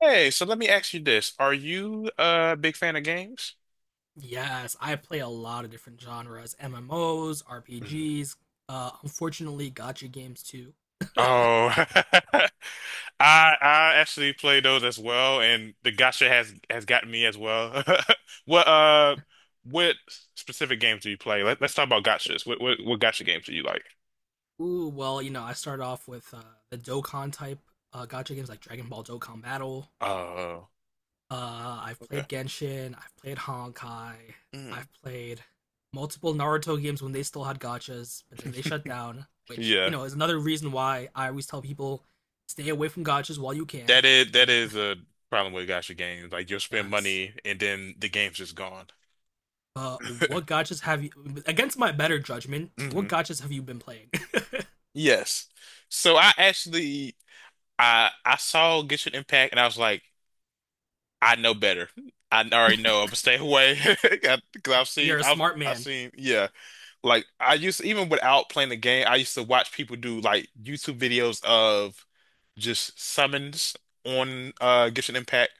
Hey, so let me ask you this. Are you a big fan of games? Yes, I play a lot of different genres: MMOs, Mhm. RPGs. Unfortunately, gotcha games too. Oh, I actually play those as well, and the gacha has gotten me as well. What what specific games do you play? Let's talk about gachas. What gacha games do you like? Ooh, I started off with the Dokkan type gotcha games like Dragon Ball Dokkan Battle. Oh, I've okay. played Genshin. I've played Honkai. Mhm. I've played multiple Naruto games when they still had gotchas, but then they shut down, which Yeah, is another reason why I always tell people stay away from gotchas while you can. that is a problem with gacha games. Like you'll spend Yes. money and then the game's just gone. What gotchas have you against my better judgment? What Mhm. gotchas have you been playing? Yes. So I actually I saw Genshin Impact and I was like, I know better. I already know I'm gonna stay away because I've seen You're a I've smart I've man. seen, yeah, like I used to, even without playing the game I used to watch people do like YouTube videos of just summons on Genshin Impact.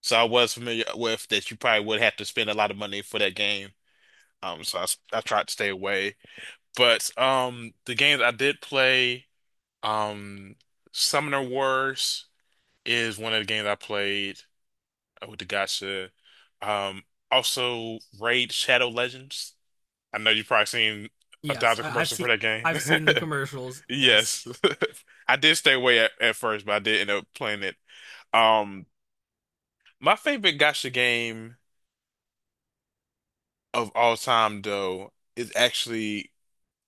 So I was familiar with that. You probably would have to spend a lot of money for that game, so I tried to stay away. But the games I did play, Um, Summoner Wars is one of the games I played with the gacha. Um, Also Raid Shadow Legends. I know you've probably seen a Yes, thousand I, I've commercials for seen that game. I've seen the commercials. Yes, Yes. I did stay away at first, but I did end up playing it. Um, my favorite gacha game of all time, though, is actually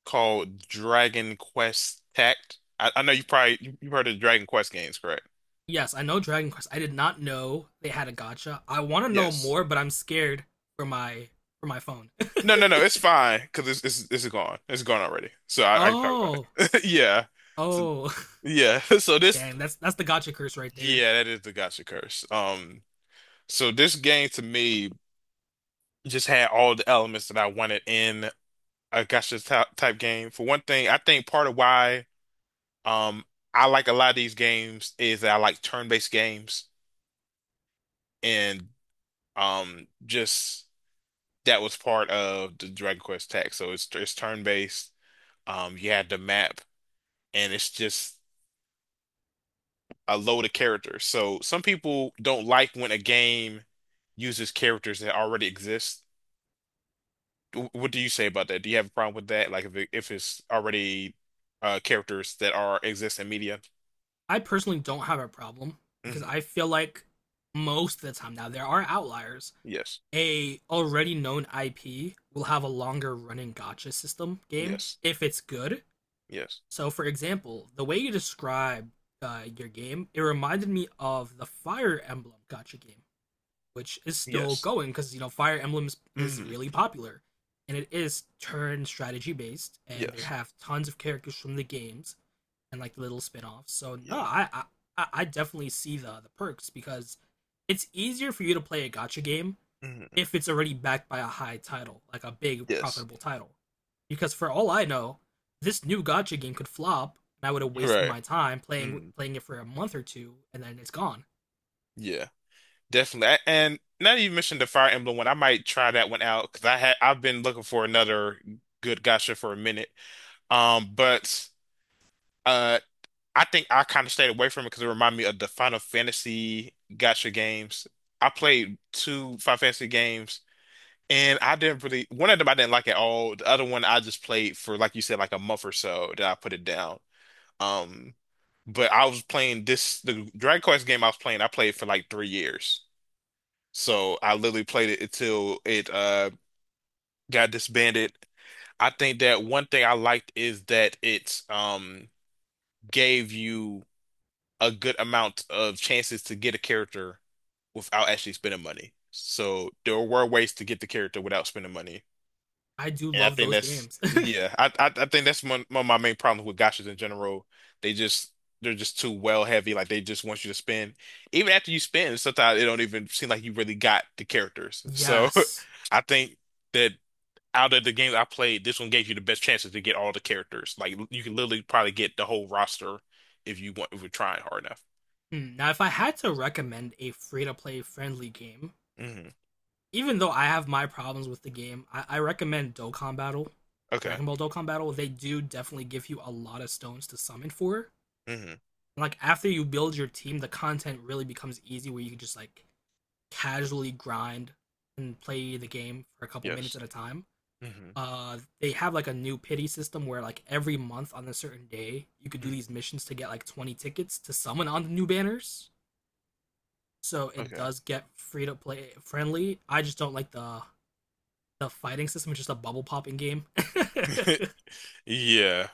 called Dragon Quest Tact. I know you probably you've heard of Dragon Quest games, correct? yes, I know Dragon Quest. I did not know they had a gotcha. I want to know Yes. more, but I'm scared for my phone. No, no, no. It's fine because it's gone. It's gone already. So I can talk Oh, about it. Yeah. So, oh, yeah. So this. dang, that's the gotcha curse right there. Yeah, that is the gotcha curse. So this game to me just had all the elements that I wanted in a gotcha type game. For one thing, I think part of why um I like a lot of these games is that I like turn-based games, and just that was part of the Dragon Quest tech. So it's turn-based. You had the map, and it's just a load of characters. So some people don't like when a game uses characters that already exist. What do you say about that? Do you have a problem with that? Like if it's already characters that are exist in media? I personally don't have a problem because Hmm. I feel like most of the time now there are outliers. Yes. A already known IP will have a longer running gotcha system game Yes. if it's good. Yes. So, for example, the way you describe your game, it reminded me of the Fire Emblem gotcha game, which is still Yes. going because Fire Emblem is Hmm. really popular, and it is turn strategy based, and they Yes. have tons of characters from the games and like little spin-offs. So, no, Yeah. I definitely see the perks because it's easier for you to play a gotcha game Hmm. if it's already backed by a high title, like a big Yes. profitable title. Because for all I know, this new gotcha game could flop, and I would have wasted Right. my time playing Mm. playing it for a month or two, and then it's gone. Yeah. Definitely. And now that you mentioned the Fire Emblem one, I might try that one out because I've been looking for another good gacha for a minute. But. Uh, I think I kind of stayed away from it because it reminded me of the Final Fantasy gotcha games. I played two Final Fantasy games, and I didn't really one of them I didn't like at all. The other one I just played for, like you said, like a month or so. Then I put it down. Um, but I was playing this the Dragon Quest game I was playing. I played for like 3 years, so I literally played it until it got disbanded. I think that one thing I liked is that it's gave you a good amount of chances to get a character without actually spending money. So there were ways to get the character without spending money. I do And I love think those that's, games. yeah, I think that's one of my main problems with gacha's in general. They just they're just too well heavy. Like they just want you to spend. Even after you spend, sometimes it don't even seem like you really got the characters. So Yes. I think that out of the games I played, this one gave you the best chances to get all the characters. Like you can literally probably get the whole roster if you want, if you're trying hard enough. Now, if I had to recommend a free to play friendly game, Mhm. even though I have my problems with the game, I recommend Dokkan Battle. Okay. Dragon Ball Dokkan Battle, they do definitely give you a lot of stones to summon for. Hmm. Like after you build your team, the content really becomes easy where you can just like casually grind and play the game for a couple minutes Yes. at a time. Hmm. They have like a new pity system where like every month on a certain day you could do Hmm. these missions to get like 20 tickets to summon on the new banners. So it Okay. does get free to play friendly. I just don't like the fighting system. It's just a bubble popping game. Yeah.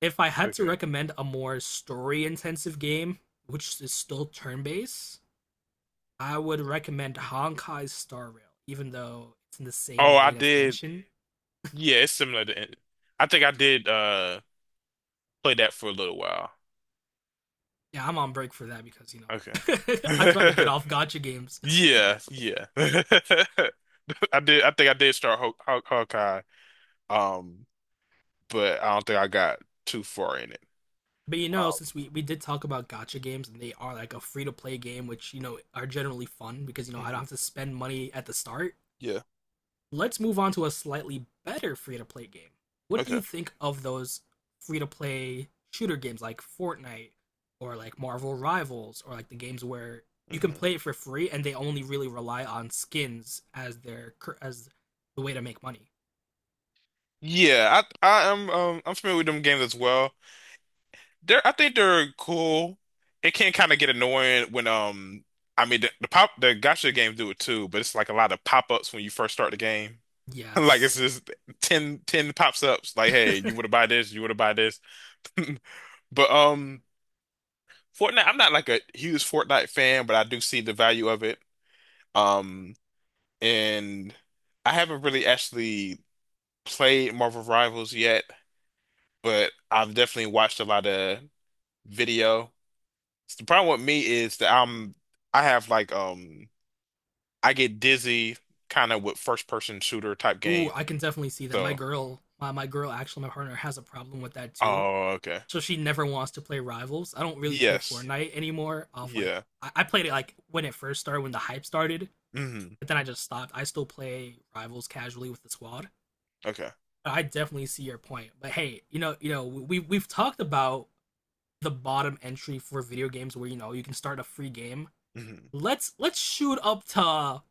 If I had to Okay. recommend a more story intensive game, which is still turn based, I would recommend Honkai Star Rail, even though it's in the same Oh, I vein as did. Genshin. Yeah, it's similar to. I think I did play that for a little while. Yeah, I'm on break for that because I'm trying to get Okay. off gotcha games. Yeah, yeah. I did. I think I did start Hawkeye. Um, but I don't think I got too far in it. But Um, since we did talk about gotcha games and they are like a free to play game, which are generally fun because I don't mhm. have to spend money at the start. Yeah. Let's move on to a slightly better free to play game. What do Okay. you think of those free to play shooter games like Fortnite or like Marvel Rivals or like the games where you can Hmm. play it for free and they only really rely on skins as their as the way to make money? Yeah, I am, I'm familiar with them games as well. They're, I think they're cool. It can kind of get annoying when, I mean, the gacha games do it too, but it's like a lot of pop-ups when you first start the game. Like it's Yes. just 10 pops-ups. Like, hey, you want to buy this? You want to buy this? But Fortnite, I'm not like a huge Fortnite fan, but I do see the value of it. Um, and I haven't really actually played Marvel Rivals yet, but I've definitely watched a lot of video. The problem with me is that I'm I have like I get dizzy kind of with first person shooter type Ooh, game. I can definitely see that. My So girl, my girl, actually, my partner has a problem with that too. oh, okay. So she never wants to play rivals. I don't really play Yes. Fortnite anymore. Off like Yeah. I played it like when it first started, when the hype started, Hmm. but then I just stopped. I still play rivals casually with the squad. Okay. But I definitely see your point. But hey, we've talked about the bottom entry for video games where you can start a free game. Hmm. Let's shoot up to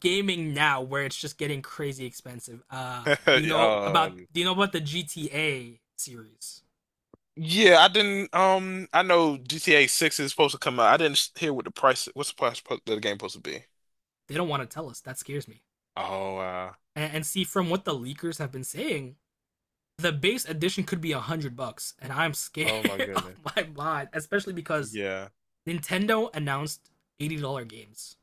gaming now where it's just getting crazy expensive. Do you know about Um do you know about the GTA series? yeah, I didn't I know GTA 6 is supposed to come out. I didn't s- hear what's the the game supposed to be. They don't want to tell us. That scares me. Oh wow. And see, from what the leakers have been saying, the base edition could be $100, and I'm scared Oh my of goodness. my mind, especially because Yeah. Nintendo announced $80 games.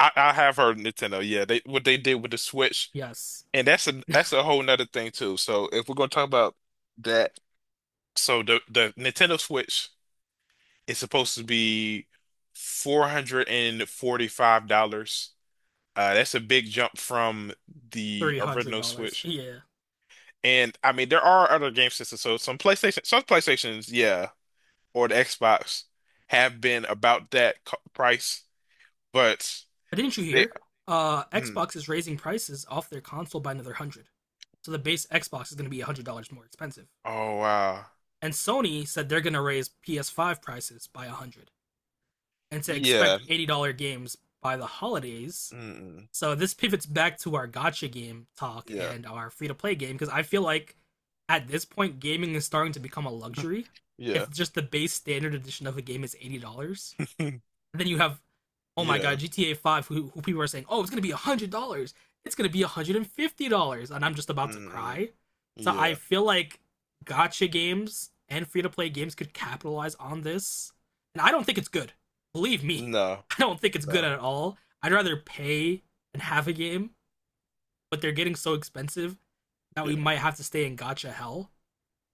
I have heard Nintendo. Yeah, they what they did with the Switch. Yes, And that's a whole nother thing too. So if we're gonna talk about that, so the Nintendo Switch is supposed to be $445. That's a big jump from the three hundred original dollars. Switch. Yeah, And I mean, there are other game systems. So some PlayStations, yeah, or the Xbox have been about that co price, but but didn't you they, hear? Mm, Xbox is raising prices off their console by another 100, so the base Xbox is going to be $100 more expensive. oh wow, And Sony said they're going to raise PS5 prices by 100 and to yeah, expect $80 games by the holidays. mm, So this pivots back to our gotcha game talk yeah, and our free to play game because I feel like at this point gaming is starting to become a luxury. yeah. If just the base standard edition of a game is $80, then you have, oh my Yeah. god, GTA 5, who people are saying, oh, it's going to be $100. It's going to be $150. And I'm just about to Mm, cry. So I yeah. feel like gotcha games and free to play games could capitalize on this. And I don't think it's good. Believe me, No, I don't think it's good no. at all. I'd rather pay and have a game, but they're getting so expensive that we Yeah, might have to stay in gotcha hell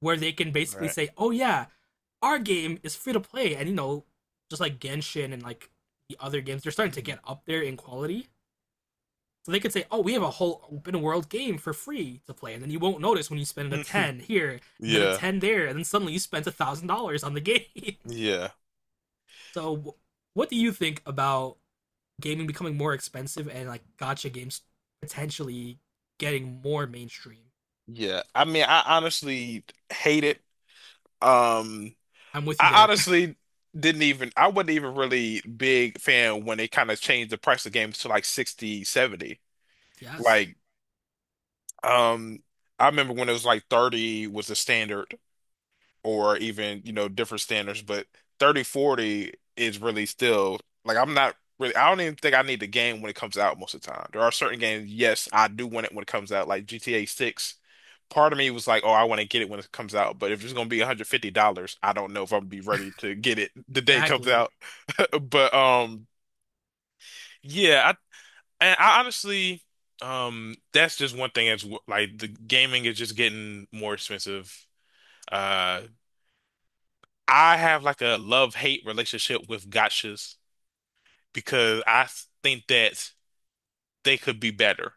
where they can basically right. say, oh yeah, our game is free to play, and just like Genshin and like the other games, they're starting to Mhm. get up there in quality. So they could say, "Oh, we have a whole open world game for free to play," and then you won't notice when you spend a ten here and then a Yeah, ten there, and then suddenly you spent $1,000 on the game. yeah, So, what do you think about gaming becoming more expensive and like gotcha games potentially getting more mainstream? yeah. I mean, I honestly hate it. Um, I'm with you I there. honestly didn't even, I wasn't even really big fan when they kind of changed the price of games to like 60, 70. Yes, Like, um, I remember when it was like 30 was the standard, or even, you know, different standards, but 3040 is really still like I'm not really I don't even think I need the game when it comes out most of the time. There are certain games, yes, I do want it when it comes out, like GTA 6. Part of me was like, oh, I want to get it when it comes out, but if it's gonna be $150, I don't know if I'm gonna be ready to get it the day it comes exactly. out. But yeah, I honestly, that's just one thing that's like the gaming is just getting more expensive. Uh I have like a love-hate relationship with gotchas because I think that they could be better.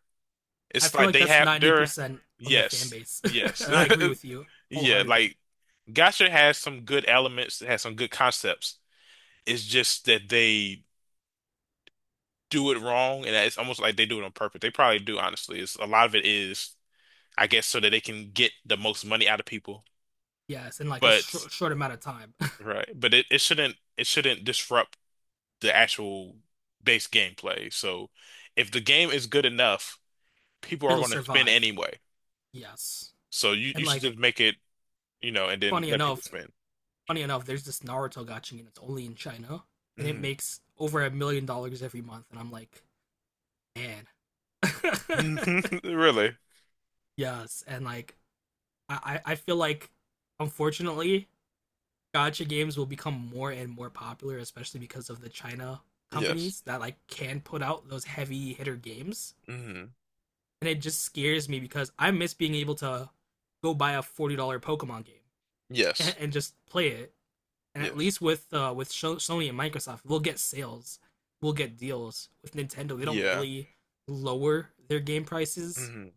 I It's feel like like they that's have ninety their, percent of the fan yes, base, yes. and I agree with you Yeah, wholeheartedly. like gotcha has some good elements, it has some good concepts. It's just that they do it wrong, and it's almost like they do it on purpose. They probably do, honestly. It's a lot of it is, I guess, so that they can get the most money out of people. Yes, in like a But short amount of time. right, but it shouldn't, it shouldn't disrupt the actual base gameplay. So if the game is good enough, people are It'll going to spend survive. anyway. Yes, So and you should like just make it, you know, and then funny let people enough, spend. funny enough, there's this Naruto gotcha, and it's only in China, and it Mhm. makes over $1 million every month, and I'm like, man. Really? Yes, and like I feel like unfortunately gacha games will become more and more popular, especially because of the China Yes. companies that like can put out those heavy hitter games. Hmm. And it just scares me because I miss being able to go buy a $40 Pokemon game and, Yes. and, just play it. And at Yes. least with Sony and Microsoft, we'll get sales, we'll get deals. With Nintendo, they don't Yeah. really lower their game prices, Hmm.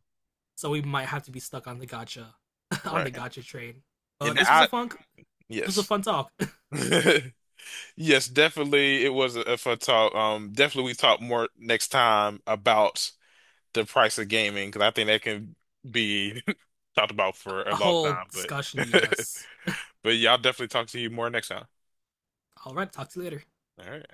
so we might have to be stuck on the gacha, on the Right. gacha train. But And this was I, a fun this was a yes. fun talk, Yes, definitely. It was a fun talk. Definitely we talk more next time about the price of gaming because I think that can be talked about for a a long whole time. discussion. But Yes. but yeah, I'll definitely talk to you more next time. All right, talk to you later. All right.